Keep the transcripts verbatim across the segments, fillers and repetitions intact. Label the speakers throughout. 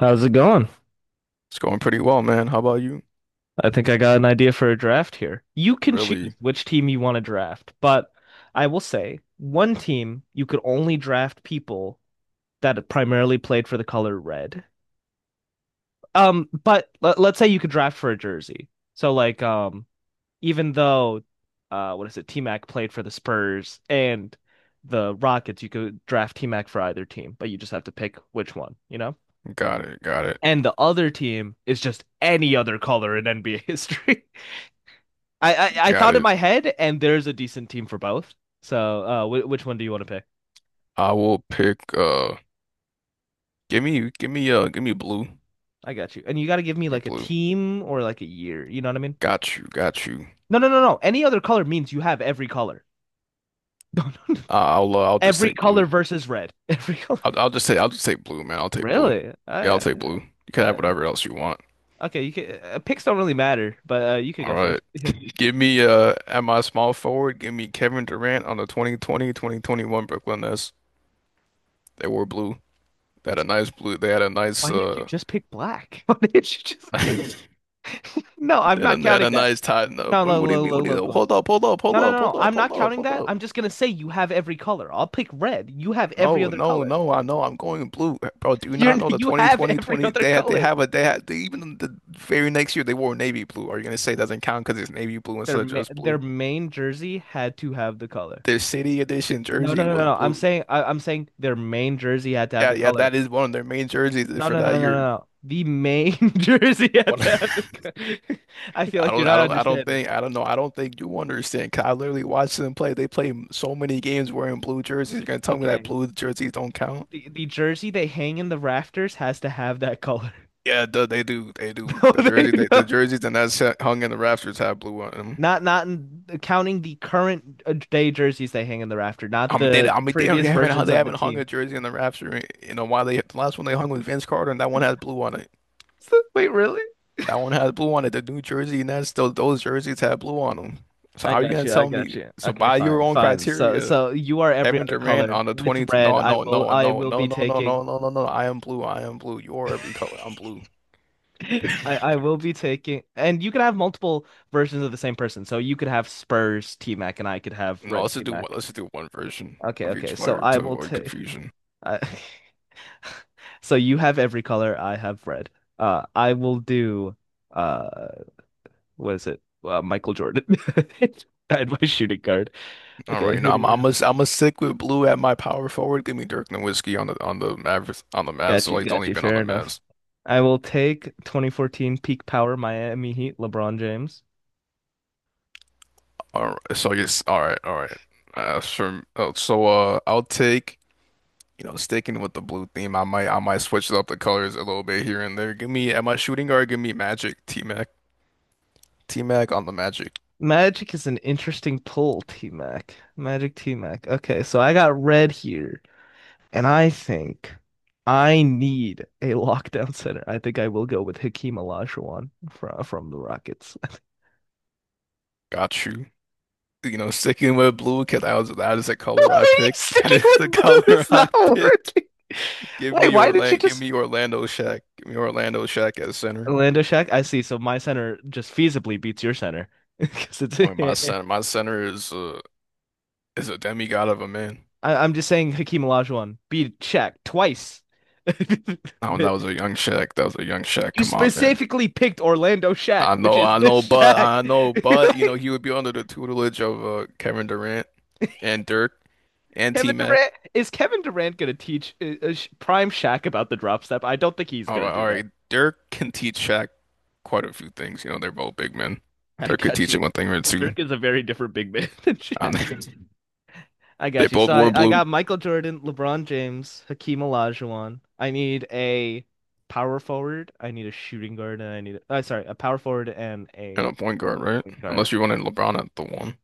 Speaker 1: How's it going?
Speaker 2: It's going pretty well, man. How about you?
Speaker 1: I think I got an idea for a draft here. You can choose
Speaker 2: Really?
Speaker 1: which team you want to draft, but I will say one team you could only draft people that primarily played for the color red. Um, but let, let's say you could draft for a jersey. So like um even though uh what is it, T-Mac played for the Spurs and the Rockets, you could draft T-Mac for either team, but you just have to pick which one, you know?
Speaker 2: Got it. Got it.
Speaker 1: And the other team is just any other color in N B A history. I, I I
Speaker 2: Got
Speaker 1: thought in
Speaker 2: it.
Speaker 1: my head, and there's a decent team for both. So, uh, wh- which one do you want to pick?
Speaker 2: I will pick uh give me give me uh give me blue. Give
Speaker 1: I got you. And you got to give me
Speaker 2: me
Speaker 1: like a
Speaker 2: blue.
Speaker 1: team or like a year. You know what I mean?
Speaker 2: Got you. Got you.
Speaker 1: No, no, no, no. Any other color means you have every color. No, no, no.
Speaker 2: Uh, I'll uh, I'll just
Speaker 1: Every
Speaker 2: take
Speaker 1: color
Speaker 2: blue.
Speaker 1: versus red. Every color.
Speaker 2: I'll I'll just say I'll just take blue, man. I'll take blue.
Speaker 1: Really? I,
Speaker 2: Yeah, I'll take blue.
Speaker 1: I,
Speaker 2: You
Speaker 1: I,
Speaker 2: can have
Speaker 1: uh,
Speaker 2: whatever else you want.
Speaker 1: okay. You can, uh, picks don't really matter, but uh, you could
Speaker 2: All
Speaker 1: go
Speaker 2: right.
Speaker 1: first. Yeah.
Speaker 2: Give me uh at my small forward, give me Kevin Durant on the twenty twenty-twenty twenty-one Brooklyn Nets. They wore blue. They had a nice blue. They had a nice
Speaker 1: Why didn't you
Speaker 2: uh
Speaker 1: just pick black? Why didn't you just? No, I'm not
Speaker 2: And, a, at
Speaker 1: counting
Speaker 2: a
Speaker 1: that.
Speaker 2: nice time. No,
Speaker 1: No,
Speaker 2: what,
Speaker 1: look,
Speaker 2: what do you
Speaker 1: look,
Speaker 2: mean? What
Speaker 1: look,
Speaker 2: do
Speaker 1: look,
Speaker 2: you
Speaker 1: look.
Speaker 2: Hold up, hold up,
Speaker 1: No,
Speaker 2: hold
Speaker 1: no,
Speaker 2: up,
Speaker 1: no, no.
Speaker 2: hold up,
Speaker 1: I'm not
Speaker 2: hold up,
Speaker 1: counting
Speaker 2: hold
Speaker 1: that.
Speaker 2: up.
Speaker 1: I'm just gonna say you have every color. I'll pick red. You have every
Speaker 2: No,
Speaker 1: other
Speaker 2: no,
Speaker 1: color.
Speaker 2: no. I know I'm going blue, bro. Do you
Speaker 1: You're
Speaker 2: not know the
Speaker 1: you have
Speaker 2: twenty twenty,
Speaker 1: every
Speaker 2: twenty, twenty?
Speaker 1: other
Speaker 2: They had, they
Speaker 1: color.
Speaker 2: have a, they had, they, Even the very next year they wore navy blue. Are you gonna say it doesn't count because it's navy blue
Speaker 1: Their
Speaker 2: instead of
Speaker 1: ma
Speaker 2: just
Speaker 1: their
Speaker 2: blue?
Speaker 1: main jersey had to have the color.
Speaker 2: Their city edition
Speaker 1: No, no,
Speaker 2: jersey
Speaker 1: no, no,
Speaker 2: was
Speaker 1: no. I'm
Speaker 2: blue.
Speaker 1: saying I, I'm saying their main jersey had to have
Speaker 2: Yeah,
Speaker 1: the
Speaker 2: yeah,
Speaker 1: color.
Speaker 2: that is one of their main jerseys
Speaker 1: No,
Speaker 2: for
Speaker 1: no, no, no,
Speaker 2: that
Speaker 1: no,
Speaker 2: year.
Speaker 1: no. The main jersey had
Speaker 2: One-
Speaker 1: to have the co- I feel
Speaker 2: I
Speaker 1: like you're
Speaker 2: don't, I
Speaker 1: not
Speaker 2: don't, I don't
Speaker 1: understanding.
Speaker 2: think, I don't know, I don't think you understand. 'Cause I literally watched them play. They play so many games wearing blue jerseys. You're gonna tell me that
Speaker 1: Okay.
Speaker 2: blue jerseys don't count?
Speaker 1: The the jersey they hang in the rafters has to have that color.
Speaker 2: Yeah, duh, they do. They do.
Speaker 1: No,
Speaker 2: The
Speaker 1: they
Speaker 2: jersey, they, the
Speaker 1: don't.
Speaker 2: jerseys, and that's hung in the rafters have blue on them.
Speaker 1: Not not counting the current uh, day jerseys they hang in the rafter, not
Speaker 2: I mean, they,
Speaker 1: the
Speaker 2: I mean, they don't, they
Speaker 1: previous
Speaker 2: haven't, hung-
Speaker 1: versions
Speaker 2: they
Speaker 1: of the
Speaker 2: haven't hung a
Speaker 1: team.
Speaker 2: jersey in the rafter. in- You know why they? The last one they hung was Vince Carter, and that one has blue on it.
Speaker 1: Wait, really?
Speaker 2: That one has blue on it. The new jersey, and that's still those jerseys have blue on them. So
Speaker 1: I
Speaker 2: how are you
Speaker 1: got
Speaker 2: gonna
Speaker 1: you. I
Speaker 2: tell
Speaker 1: got
Speaker 2: me?
Speaker 1: you.
Speaker 2: So
Speaker 1: Okay,
Speaker 2: by your
Speaker 1: fine,
Speaker 2: own
Speaker 1: fine. So
Speaker 2: criteria,
Speaker 1: so you are every
Speaker 2: Kevin
Speaker 1: other
Speaker 2: Durant
Speaker 1: color
Speaker 2: on the
Speaker 1: with
Speaker 2: twentieth?
Speaker 1: red.
Speaker 2: No,
Speaker 1: I
Speaker 2: no,
Speaker 1: will
Speaker 2: no,
Speaker 1: I
Speaker 2: no,
Speaker 1: will
Speaker 2: no,
Speaker 1: be
Speaker 2: no, no,
Speaker 1: taking
Speaker 2: no, no, no, no. I am blue. I am blue. You're every color. I'm blue.
Speaker 1: I I will be taking and you can have multiple versions of the same person. So you could have Spurs T-Mac and I could have
Speaker 2: No,
Speaker 1: red
Speaker 2: let's just do one.
Speaker 1: T-Mac.
Speaker 2: Let's just do one version
Speaker 1: Okay,
Speaker 2: of
Speaker 1: okay.
Speaker 2: each
Speaker 1: So
Speaker 2: player
Speaker 1: I
Speaker 2: to
Speaker 1: will
Speaker 2: avoid
Speaker 1: take
Speaker 2: confusion.
Speaker 1: I So you have every color, I have red. Uh I will do uh what is it? Uh, Michael Jordan. I had my shooting guard.
Speaker 2: All right,
Speaker 1: Okay,
Speaker 2: you
Speaker 1: who
Speaker 2: know,
Speaker 1: do
Speaker 2: I'm
Speaker 1: you
Speaker 2: I'm
Speaker 1: have?
Speaker 2: a, I'm a stick with blue at my power forward. Give me Dirk Nowitzki on the on the Mavericks on the Mavs.
Speaker 1: Got
Speaker 2: So
Speaker 1: you,
Speaker 2: he's
Speaker 1: got
Speaker 2: only
Speaker 1: you.
Speaker 2: been on
Speaker 1: Fair
Speaker 2: the
Speaker 1: enough.
Speaker 2: Mavs.
Speaker 1: I will take twenty fourteen peak power Miami Heat LeBron James.
Speaker 2: All right, so yes, all right, all right. Uh, sure. Oh, so uh, I'll take, you know sticking with the blue theme. I might I might switch up the colors a little bit here and there. Give me at my shooting guard. Give me Magic T-Mac T-Mac on the Magic.
Speaker 1: Magic is an interesting pull, T Mac. Magic T Mac. Okay, so I got red here, and I think I need a lockdown center. I think I will go with Hakeem Olajuwon from from the Rockets.
Speaker 2: Got you. You know, sticking with blue because that was that is the color
Speaker 1: Why
Speaker 2: I
Speaker 1: are you
Speaker 2: picked. That
Speaker 1: sticking
Speaker 2: is
Speaker 1: with
Speaker 2: the
Speaker 1: blue?
Speaker 2: color
Speaker 1: It's
Speaker 2: I
Speaker 1: not
Speaker 2: picked.
Speaker 1: working.
Speaker 2: Give
Speaker 1: Wait,
Speaker 2: me
Speaker 1: why did you
Speaker 2: Orlando. Give
Speaker 1: just?
Speaker 2: me Orlando Shack. Give me Orlando Shack at center.
Speaker 1: Lando Shack, I see. So my center just feasibly beats your center. 'Cause it's
Speaker 2: Boy, my center, my center is a is a demigod of a man.
Speaker 1: I, I'm just saying Hakeem Olajuwon beat Shaq twice.
Speaker 2: Oh, that was a young Shaq. That was a young Shaq.
Speaker 1: You
Speaker 2: Come on, man.
Speaker 1: specifically picked Orlando Shack,
Speaker 2: I
Speaker 1: which
Speaker 2: know,
Speaker 1: is
Speaker 2: I
Speaker 1: this
Speaker 2: know, but
Speaker 1: Shack.
Speaker 2: I know, but you know,
Speaker 1: Like,
Speaker 2: he would be under the tutelage of uh, Kevin Durant and Dirk and
Speaker 1: Kevin
Speaker 2: T-Mac.
Speaker 1: Durant is Kevin Durant gonna teach uh, uh, Sh- Prime Shaq about the drop step? I don't think he's
Speaker 2: All
Speaker 1: gonna
Speaker 2: right,
Speaker 1: do
Speaker 2: all
Speaker 1: that.
Speaker 2: right. Dirk can teach Shaq quite a few things. You know, they're both big men.
Speaker 1: I
Speaker 2: Dirk could
Speaker 1: got
Speaker 2: teach
Speaker 1: you.
Speaker 2: him one thing or
Speaker 1: But
Speaker 2: two.
Speaker 1: Dirk is a very different big man than
Speaker 2: I
Speaker 1: Shaq.
Speaker 2: don't
Speaker 1: I
Speaker 2: They
Speaker 1: got you. So
Speaker 2: both
Speaker 1: I,
Speaker 2: wore
Speaker 1: I
Speaker 2: blue
Speaker 1: got Michael Jordan, LeBron James, Hakeem Olajuwon. I need a power forward. I need a shooting guard, and I need a, uh, sorry, a power forward and
Speaker 2: and
Speaker 1: a
Speaker 2: a point guard, right?
Speaker 1: point
Speaker 2: Unless
Speaker 1: guard.
Speaker 2: you wanted LeBron at the one.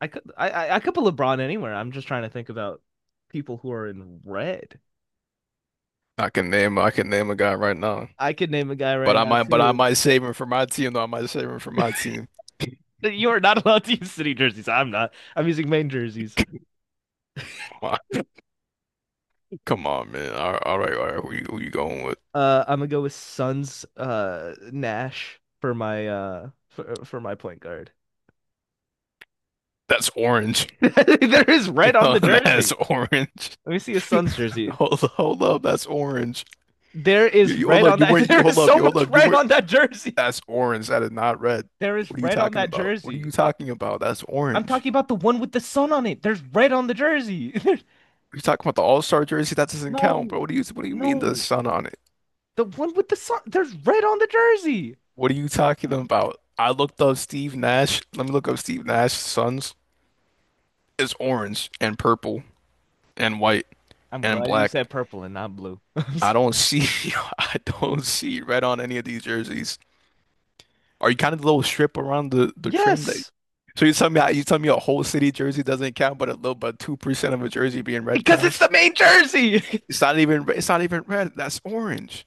Speaker 1: I could I, I I could put LeBron anywhere. I'm just trying to think about people who are in red.
Speaker 2: I can name, I can name a guy right now.
Speaker 1: I could name a guy
Speaker 2: But
Speaker 1: right
Speaker 2: I
Speaker 1: now
Speaker 2: might, but I
Speaker 1: too.
Speaker 2: might save him for my team, though. I might save him for my team.
Speaker 1: You are not allowed to use city jerseys. I'm not. I'm using main jerseys.
Speaker 2: Come on, come on, man. All right, all right, all right. Who you, who you going with?
Speaker 1: Uh, I'm gonna go with Suns uh Nash for my uh for for my point guard.
Speaker 2: That's orange.
Speaker 1: There is red on
Speaker 2: Yo,
Speaker 1: the jersey.
Speaker 2: that's orange.
Speaker 1: Let me see his son's jersey.
Speaker 2: Hold up, hold up. That's orange.
Speaker 1: There
Speaker 2: You,
Speaker 1: is
Speaker 2: you hold
Speaker 1: red
Speaker 2: up.
Speaker 1: on
Speaker 2: You
Speaker 1: that.
Speaker 2: weren't. You
Speaker 1: There is
Speaker 2: hold up.
Speaker 1: so
Speaker 2: You hold
Speaker 1: much
Speaker 2: up. You
Speaker 1: red
Speaker 2: weren't.
Speaker 1: on that jersey.
Speaker 2: That's orange. That is not red.
Speaker 1: There is
Speaker 2: What are you
Speaker 1: red on
Speaker 2: talking
Speaker 1: that
Speaker 2: about? What are you
Speaker 1: jersey.
Speaker 2: talking about? That's
Speaker 1: I'm
Speaker 2: orange.
Speaker 1: talking about the one with the sun on it. There's red on the jersey. There's
Speaker 2: You talking about the All-Star jersey? That doesn't
Speaker 1: no,
Speaker 2: count, bro. What do you What do you mean the
Speaker 1: no.
Speaker 2: sun on it?
Speaker 1: The one with the sun. There's red on the jersey.
Speaker 2: What are you talking about? I looked up Steve Nash. Let me look up Steve Nash's sons. It's orange and purple, and white
Speaker 1: I'm
Speaker 2: and
Speaker 1: glad you said
Speaker 2: black.
Speaker 1: purple and not blue.
Speaker 2: I don't see I don't see red on any of these jerseys. Are you kind of the little strip around the the trim that?
Speaker 1: Yes,
Speaker 2: So you tell me you tell me a whole city jersey doesn't count, but a little but two percent of a jersey being red
Speaker 1: because it's
Speaker 2: counts.
Speaker 1: the main jersey.
Speaker 2: It's not even it's not even red. That's orange.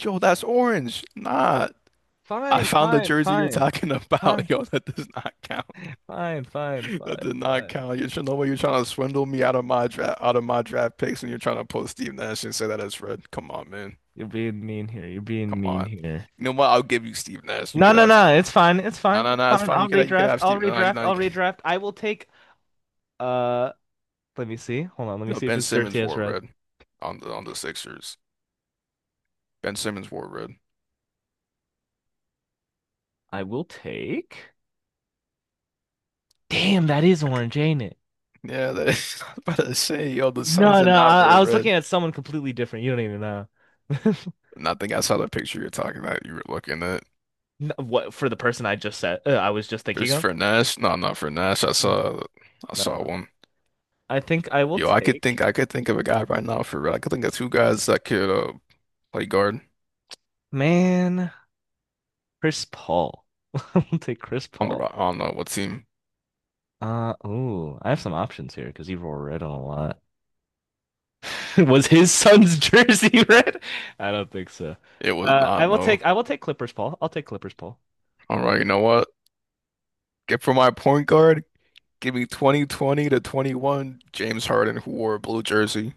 Speaker 2: Yo, that's orange. Nah. I
Speaker 1: Fine,
Speaker 2: found the
Speaker 1: fine,
Speaker 2: jersey you're
Speaker 1: fine,
Speaker 2: talking
Speaker 1: fine,
Speaker 2: about. Yo, that does not count.
Speaker 1: fine, fine,
Speaker 2: That
Speaker 1: fine,
Speaker 2: does not
Speaker 1: fine.
Speaker 2: count. You should know what you're trying to swindle me out of my draft out of my draft picks and you're trying to pull Steve Nash and say that it's red. Come on, man.
Speaker 1: You're being mean here. You're being
Speaker 2: Come
Speaker 1: mean
Speaker 2: on.
Speaker 1: here.
Speaker 2: You know what? I'll give you Steve Nash. You
Speaker 1: No,
Speaker 2: could
Speaker 1: no,
Speaker 2: have
Speaker 1: no.
Speaker 2: Steve.
Speaker 1: It's fine. It's
Speaker 2: No,
Speaker 1: fine.
Speaker 2: no,
Speaker 1: It's
Speaker 2: no. It's
Speaker 1: fine.
Speaker 2: fine.
Speaker 1: I'll
Speaker 2: You could have, you could
Speaker 1: redraft.
Speaker 2: have
Speaker 1: I'll
Speaker 2: Steve. No, no, you
Speaker 1: redraft.
Speaker 2: know you
Speaker 1: I'll
Speaker 2: can.
Speaker 1: redraft. I will take uh let me see. Hold on. Let me
Speaker 2: You know
Speaker 1: see if
Speaker 2: Ben
Speaker 1: it's dirty
Speaker 2: Simmons
Speaker 1: as
Speaker 2: wore
Speaker 1: red.
Speaker 2: red on the on the Sixers. Ben Simmons wore red.
Speaker 1: I will take damn, that is
Speaker 2: I could,
Speaker 1: orange, ain't it?
Speaker 2: yeah, that is, I was about to say, yo, the Suns
Speaker 1: No,
Speaker 2: did
Speaker 1: no.
Speaker 2: not
Speaker 1: I,
Speaker 2: wear
Speaker 1: I was
Speaker 2: red.
Speaker 1: looking at someone completely different. You don't even know.
Speaker 2: And I think I saw the picture you're talking about. You were looking at
Speaker 1: No, what for the person I just said uh, I was just thinking
Speaker 2: just
Speaker 1: of?
Speaker 2: for Nash. No, not for Nash. I
Speaker 1: No.
Speaker 2: saw I saw
Speaker 1: No.
Speaker 2: one.
Speaker 1: I think I will
Speaker 2: Yo, I could
Speaker 1: take
Speaker 2: think I could think of a guy right now for red. I could think of two guys that could uh, play guard
Speaker 1: man Chris Paul. I will take Chris
Speaker 2: on the
Speaker 1: Paul.
Speaker 2: Ro- on uh, what team?
Speaker 1: Uh, ooh, I have some options here because he wore red on a lot. Was his son's jersey red? I don't think so.
Speaker 2: It was
Speaker 1: Uh, I
Speaker 2: not
Speaker 1: will
Speaker 2: no.
Speaker 1: take I will take Clippers, Paul. I'll take Clippers, Paul.
Speaker 2: All right, you know what? Get for my point guard, give me twenty twenty to twenty-one James Harden who wore a blue jersey.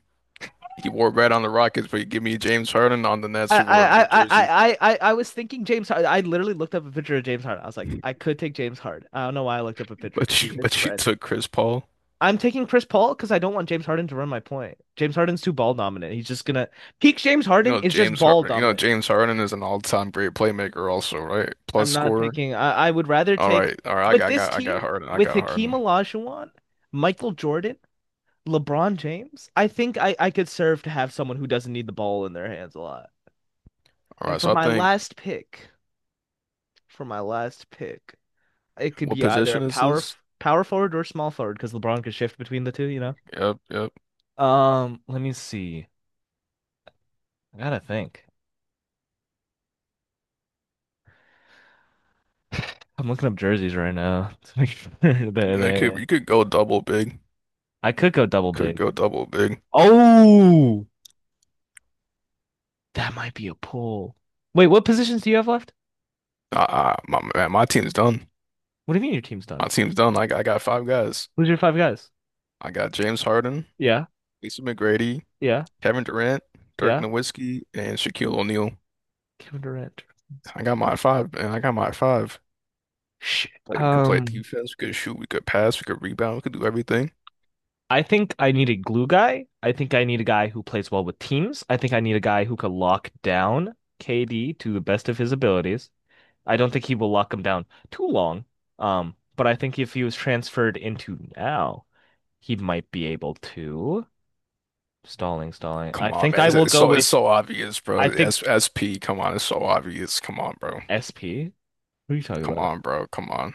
Speaker 2: He wore red on the Rockets, but you give me James Harden on the Nets
Speaker 1: I
Speaker 2: who wore a
Speaker 1: I
Speaker 2: blue
Speaker 1: I I
Speaker 2: jersey.
Speaker 1: I I I was thinking James Harden. I literally looked up a picture of James Harden. I was like, I could take James Harden. I don't know why I looked up a picture because
Speaker 2: But you
Speaker 1: it's
Speaker 2: but you
Speaker 1: red.
Speaker 2: took Chris Paul.
Speaker 1: I'm taking Chris Paul because I don't want James Harden to run my point. James Harden's too ball dominant. He's just gonna peak. James
Speaker 2: You
Speaker 1: Harden
Speaker 2: know
Speaker 1: is just
Speaker 2: James
Speaker 1: ball
Speaker 2: Harden, you know
Speaker 1: dominant.
Speaker 2: James Harden is an all-time great playmaker also, right? Plus
Speaker 1: I'm not
Speaker 2: scorer.
Speaker 1: taking. I, I would rather
Speaker 2: All
Speaker 1: take
Speaker 2: right. All right, I
Speaker 1: with
Speaker 2: got I
Speaker 1: this
Speaker 2: got I
Speaker 1: team
Speaker 2: got Harden. I
Speaker 1: with
Speaker 2: got
Speaker 1: Hakeem
Speaker 2: Harden.
Speaker 1: Olajuwon, Michael Jordan, LeBron James? I think I, I could serve to have someone who doesn't need the ball in their hands a lot.
Speaker 2: All
Speaker 1: And
Speaker 2: right.
Speaker 1: for
Speaker 2: So I
Speaker 1: my
Speaker 2: think
Speaker 1: last pick, For my last pick, it could
Speaker 2: what
Speaker 1: be either
Speaker 2: position
Speaker 1: a
Speaker 2: is
Speaker 1: power
Speaker 2: this?
Speaker 1: f- power forward or small forward because LeBron could shift between the two, you know?
Speaker 2: Yep, yep.
Speaker 1: Um, let me see. I gotta think. I'm looking up jerseys right now to make sure they
Speaker 2: You know, you could
Speaker 1: they.
Speaker 2: you could go double big.
Speaker 1: I could go
Speaker 2: You
Speaker 1: double
Speaker 2: could
Speaker 1: big.
Speaker 2: go double big.
Speaker 1: Oh, that might be a pull. Wait, what positions do you have left?
Speaker 2: Uh, uh, my man, my team's done.
Speaker 1: What do you mean your team's
Speaker 2: My
Speaker 1: done?
Speaker 2: team's done. I got, I got five guys.
Speaker 1: Who's your five guys?
Speaker 2: I got James Harden,
Speaker 1: Yeah,
Speaker 2: Lisa McGrady,
Speaker 1: yeah,
Speaker 2: Kevin Durant, Dirk
Speaker 1: yeah.
Speaker 2: Nowitzki, and Shaquille O'Neal.
Speaker 1: Kevin Durant. Let's
Speaker 2: I
Speaker 1: get
Speaker 2: got my five, man. I got my five.
Speaker 1: Sh-
Speaker 2: Play, we could play
Speaker 1: Um,
Speaker 2: defense. We could shoot. We could pass. We could rebound. We could do everything.
Speaker 1: I think I need a glue guy. I think I need a guy who plays well with teams. I think I need a guy who could lock down K D to the best of his abilities. I don't think he will lock him down too long. Um, but I think if he was transferred into now, he might be able to. Stalling, stalling. I
Speaker 2: Come on,
Speaker 1: think
Speaker 2: man.
Speaker 1: I
Speaker 2: It's,
Speaker 1: will
Speaker 2: it's
Speaker 1: go
Speaker 2: so it's
Speaker 1: with.
Speaker 2: so obvious,
Speaker 1: I
Speaker 2: bro.
Speaker 1: think
Speaker 2: S SP. Come on, it's so obvious. Come on, bro.
Speaker 1: S P. Who are you talking
Speaker 2: Come
Speaker 1: about?
Speaker 2: on, bro. Come on.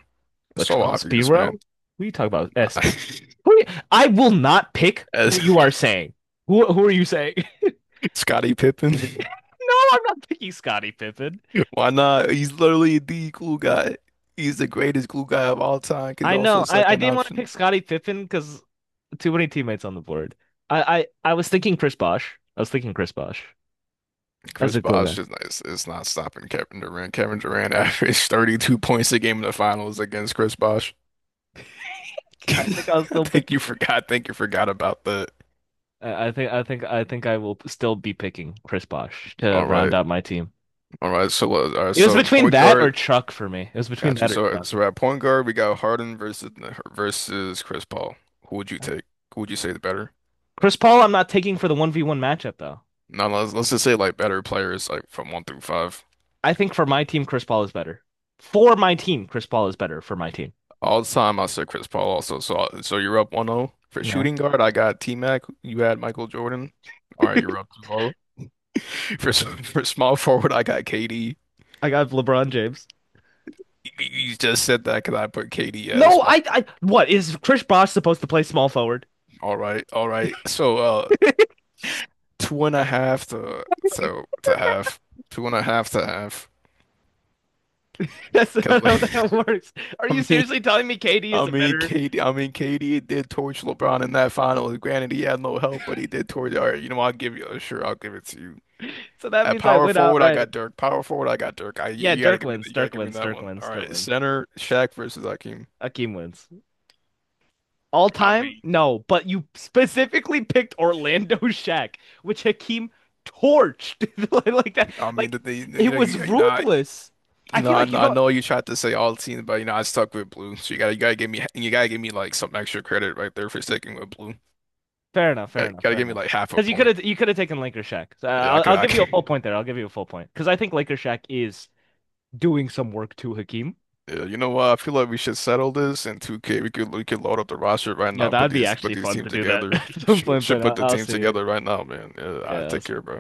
Speaker 2: It's so
Speaker 1: Latrell
Speaker 2: obvious, man.
Speaker 1: Sprewell? Who are you talking about? S P. Who are you- I will not pick
Speaker 2: As
Speaker 1: who you are saying. Who who are you saying?
Speaker 2: Scottie Pippen.
Speaker 1: No, I'm not picking Scottie Pippen.
Speaker 2: Why not? He's literally the glue guy. He's the greatest glue guy of all time. He's
Speaker 1: I
Speaker 2: also
Speaker 1: know.
Speaker 2: a
Speaker 1: I, I
Speaker 2: second
Speaker 1: didn't want to
Speaker 2: option.
Speaker 1: pick Scottie Pippen because too many teammates on the board. I, I, I was thinking Chris Bosh. I was thinking Chris Bosh as
Speaker 2: Chris
Speaker 1: a glue guy.
Speaker 2: Bosh is not, it's not stopping Kevin Durant. Kevin Durant averaged thirty-two points a game in the finals against Chris Bosh.
Speaker 1: I think I'll
Speaker 2: I
Speaker 1: still pick.
Speaker 2: think you forgot. I think you forgot about that.
Speaker 1: I I think I think I think I will still be picking Chris Bosh to
Speaker 2: All
Speaker 1: round
Speaker 2: right.
Speaker 1: out my team.
Speaker 2: All right. So, uh, all right,
Speaker 1: It was
Speaker 2: so
Speaker 1: between
Speaker 2: point
Speaker 1: that or
Speaker 2: guard.
Speaker 1: Chuck for me. It was between
Speaker 2: Got you.
Speaker 1: that or
Speaker 2: So,
Speaker 1: Chuck.
Speaker 2: so at point guard, we got Harden versus versus Chris Paul. Who would you take? Who would you say is better?
Speaker 1: Chris Paul, I'm not taking for the one v one matchup though.
Speaker 2: No, let's let's just say like better players, like from one through five.
Speaker 1: I think for my team, Chris Paul is better. For my team, Chris Paul is better for my team.
Speaker 2: All the time I said Chris Paul also. So so, you're up one zero for
Speaker 1: Yeah,
Speaker 2: shooting guard. I got T-Mac. You had Michael Jordan. All right, you're up two zero. For s- for small forward, I got K D.
Speaker 1: I got LeBron James.
Speaker 2: You you just said that because I put K D as
Speaker 1: No,
Speaker 2: small.
Speaker 1: I, I, what is Chris Bosh supposed to play small forward?
Speaker 2: All right, all right. So, uh, two and a half to so to half, two and a half to half.
Speaker 1: That's
Speaker 2: Because
Speaker 1: not
Speaker 2: like,
Speaker 1: how that works. Are you
Speaker 2: I
Speaker 1: seriously telling me K D
Speaker 2: mean,
Speaker 1: is a
Speaker 2: I
Speaker 1: better?
Speaker 2: mean KD, I mean K D did torch LeBron in that final. Granted, he had no help, but he did torch. All right, you know, I'll give you. Sure, I'll give it to you.
Speaker 1: So that
Speaker 2: At
Speaker 1: means I
Speaker 2: power
Speaker 1: win
Speaker 2: forward, I
Speaker 1: outright.
Speaker 2: got Dirk. Power forward, I got Dirk. I you,
Speaker 1: Yeah,
Speaker 2: you gotta
Speaker 1: Dirk
Speaker 2: give me
Speaker 1: wins.
Speaker 2: you gotta
Speaker 1: Dirk
Speaker 2: give me
Speaker 1: wins.
Speaker 2: that
Speaker 1: Dirk
Speaker 2: one. All
Speaker 1: wins. Dirk
Speaker 2: right,
Speaker 1: wins.
Speaker 2: center Shaq versus Hakeem.
Speaker 1: Akeem wins. All
Speaker 2: I
Speaker 1: time?
Speaker 2: mean,
Speaker 1: No, but you specifically picked Orlando Shack, which Hakeem torched like that.
Speaker 2: I mean
Speaker 1: Like
Speaker 2: that they you
Speaker 1: it
Speaker 2: know
Speaker 1: was
Speaker 2: you, you know I,
Speaker 1: ruthless. I
Speaker 2: you know
Speaker 1: feel
Speaker 2: I,
Speaker 1: like you
Speaker 2: know I
Speaker 1: don't
Speaker 2: know you tried to say all teams, but you know I stuck with blue. So you gotta you gotta give me you gotta give me like some extra credit right there for sticking with blue.
Speaker 1: fair enough. Fair
Speaker 2: Gotta,
Speaker 1: enough.
Speaker 2: gotta
Speaker 1: Fair
Speaker 2: give me
Speaker 1: enough.
Speaker 2: like half a
Speaker 1: Because you could
Speaker 2: point.
Speaker 1: have you could have taken Link or Shaq. So, uh,
Speaker 2: Yeah, I
Speaker 1: I'll
Speaker 2: could
Speaker 1: I'll
Speaker 2: I
Speaker 1: give you a full
Speaker 2: could.
Speaker 1: point there. I'll give you a full point because I think Link or Shaq is doing some work to Hakeem.
Speaker 2: Yeah, you know what? I feel like we should settle this in two K. We could we could load up the roster right
Speaker 1: Yeah,
Speaker 2: now. Put
Speaker 1: that'd be
Speaker 2: these put
Speaker 1: actually
Speaker 2: these
Speaker 1: fun
Speaker 2: teams
Speaker 1: to do that
Speaker 2: together.
Speaker 1: at some point,
Speaker 2: Should,
Speaker 1: but
Speaker 2: put
Speaker 1: I'll,
Speaker 2: the
Speaker 1: I'll
Speaker 2: teams
Speaker 1: see it.
Speaker 2: together right now, man. Yeah, I
Speaker 1: Yeah, I'll
Speaker 2: take care,
Speaker 1: see.
Speaker 2: bro.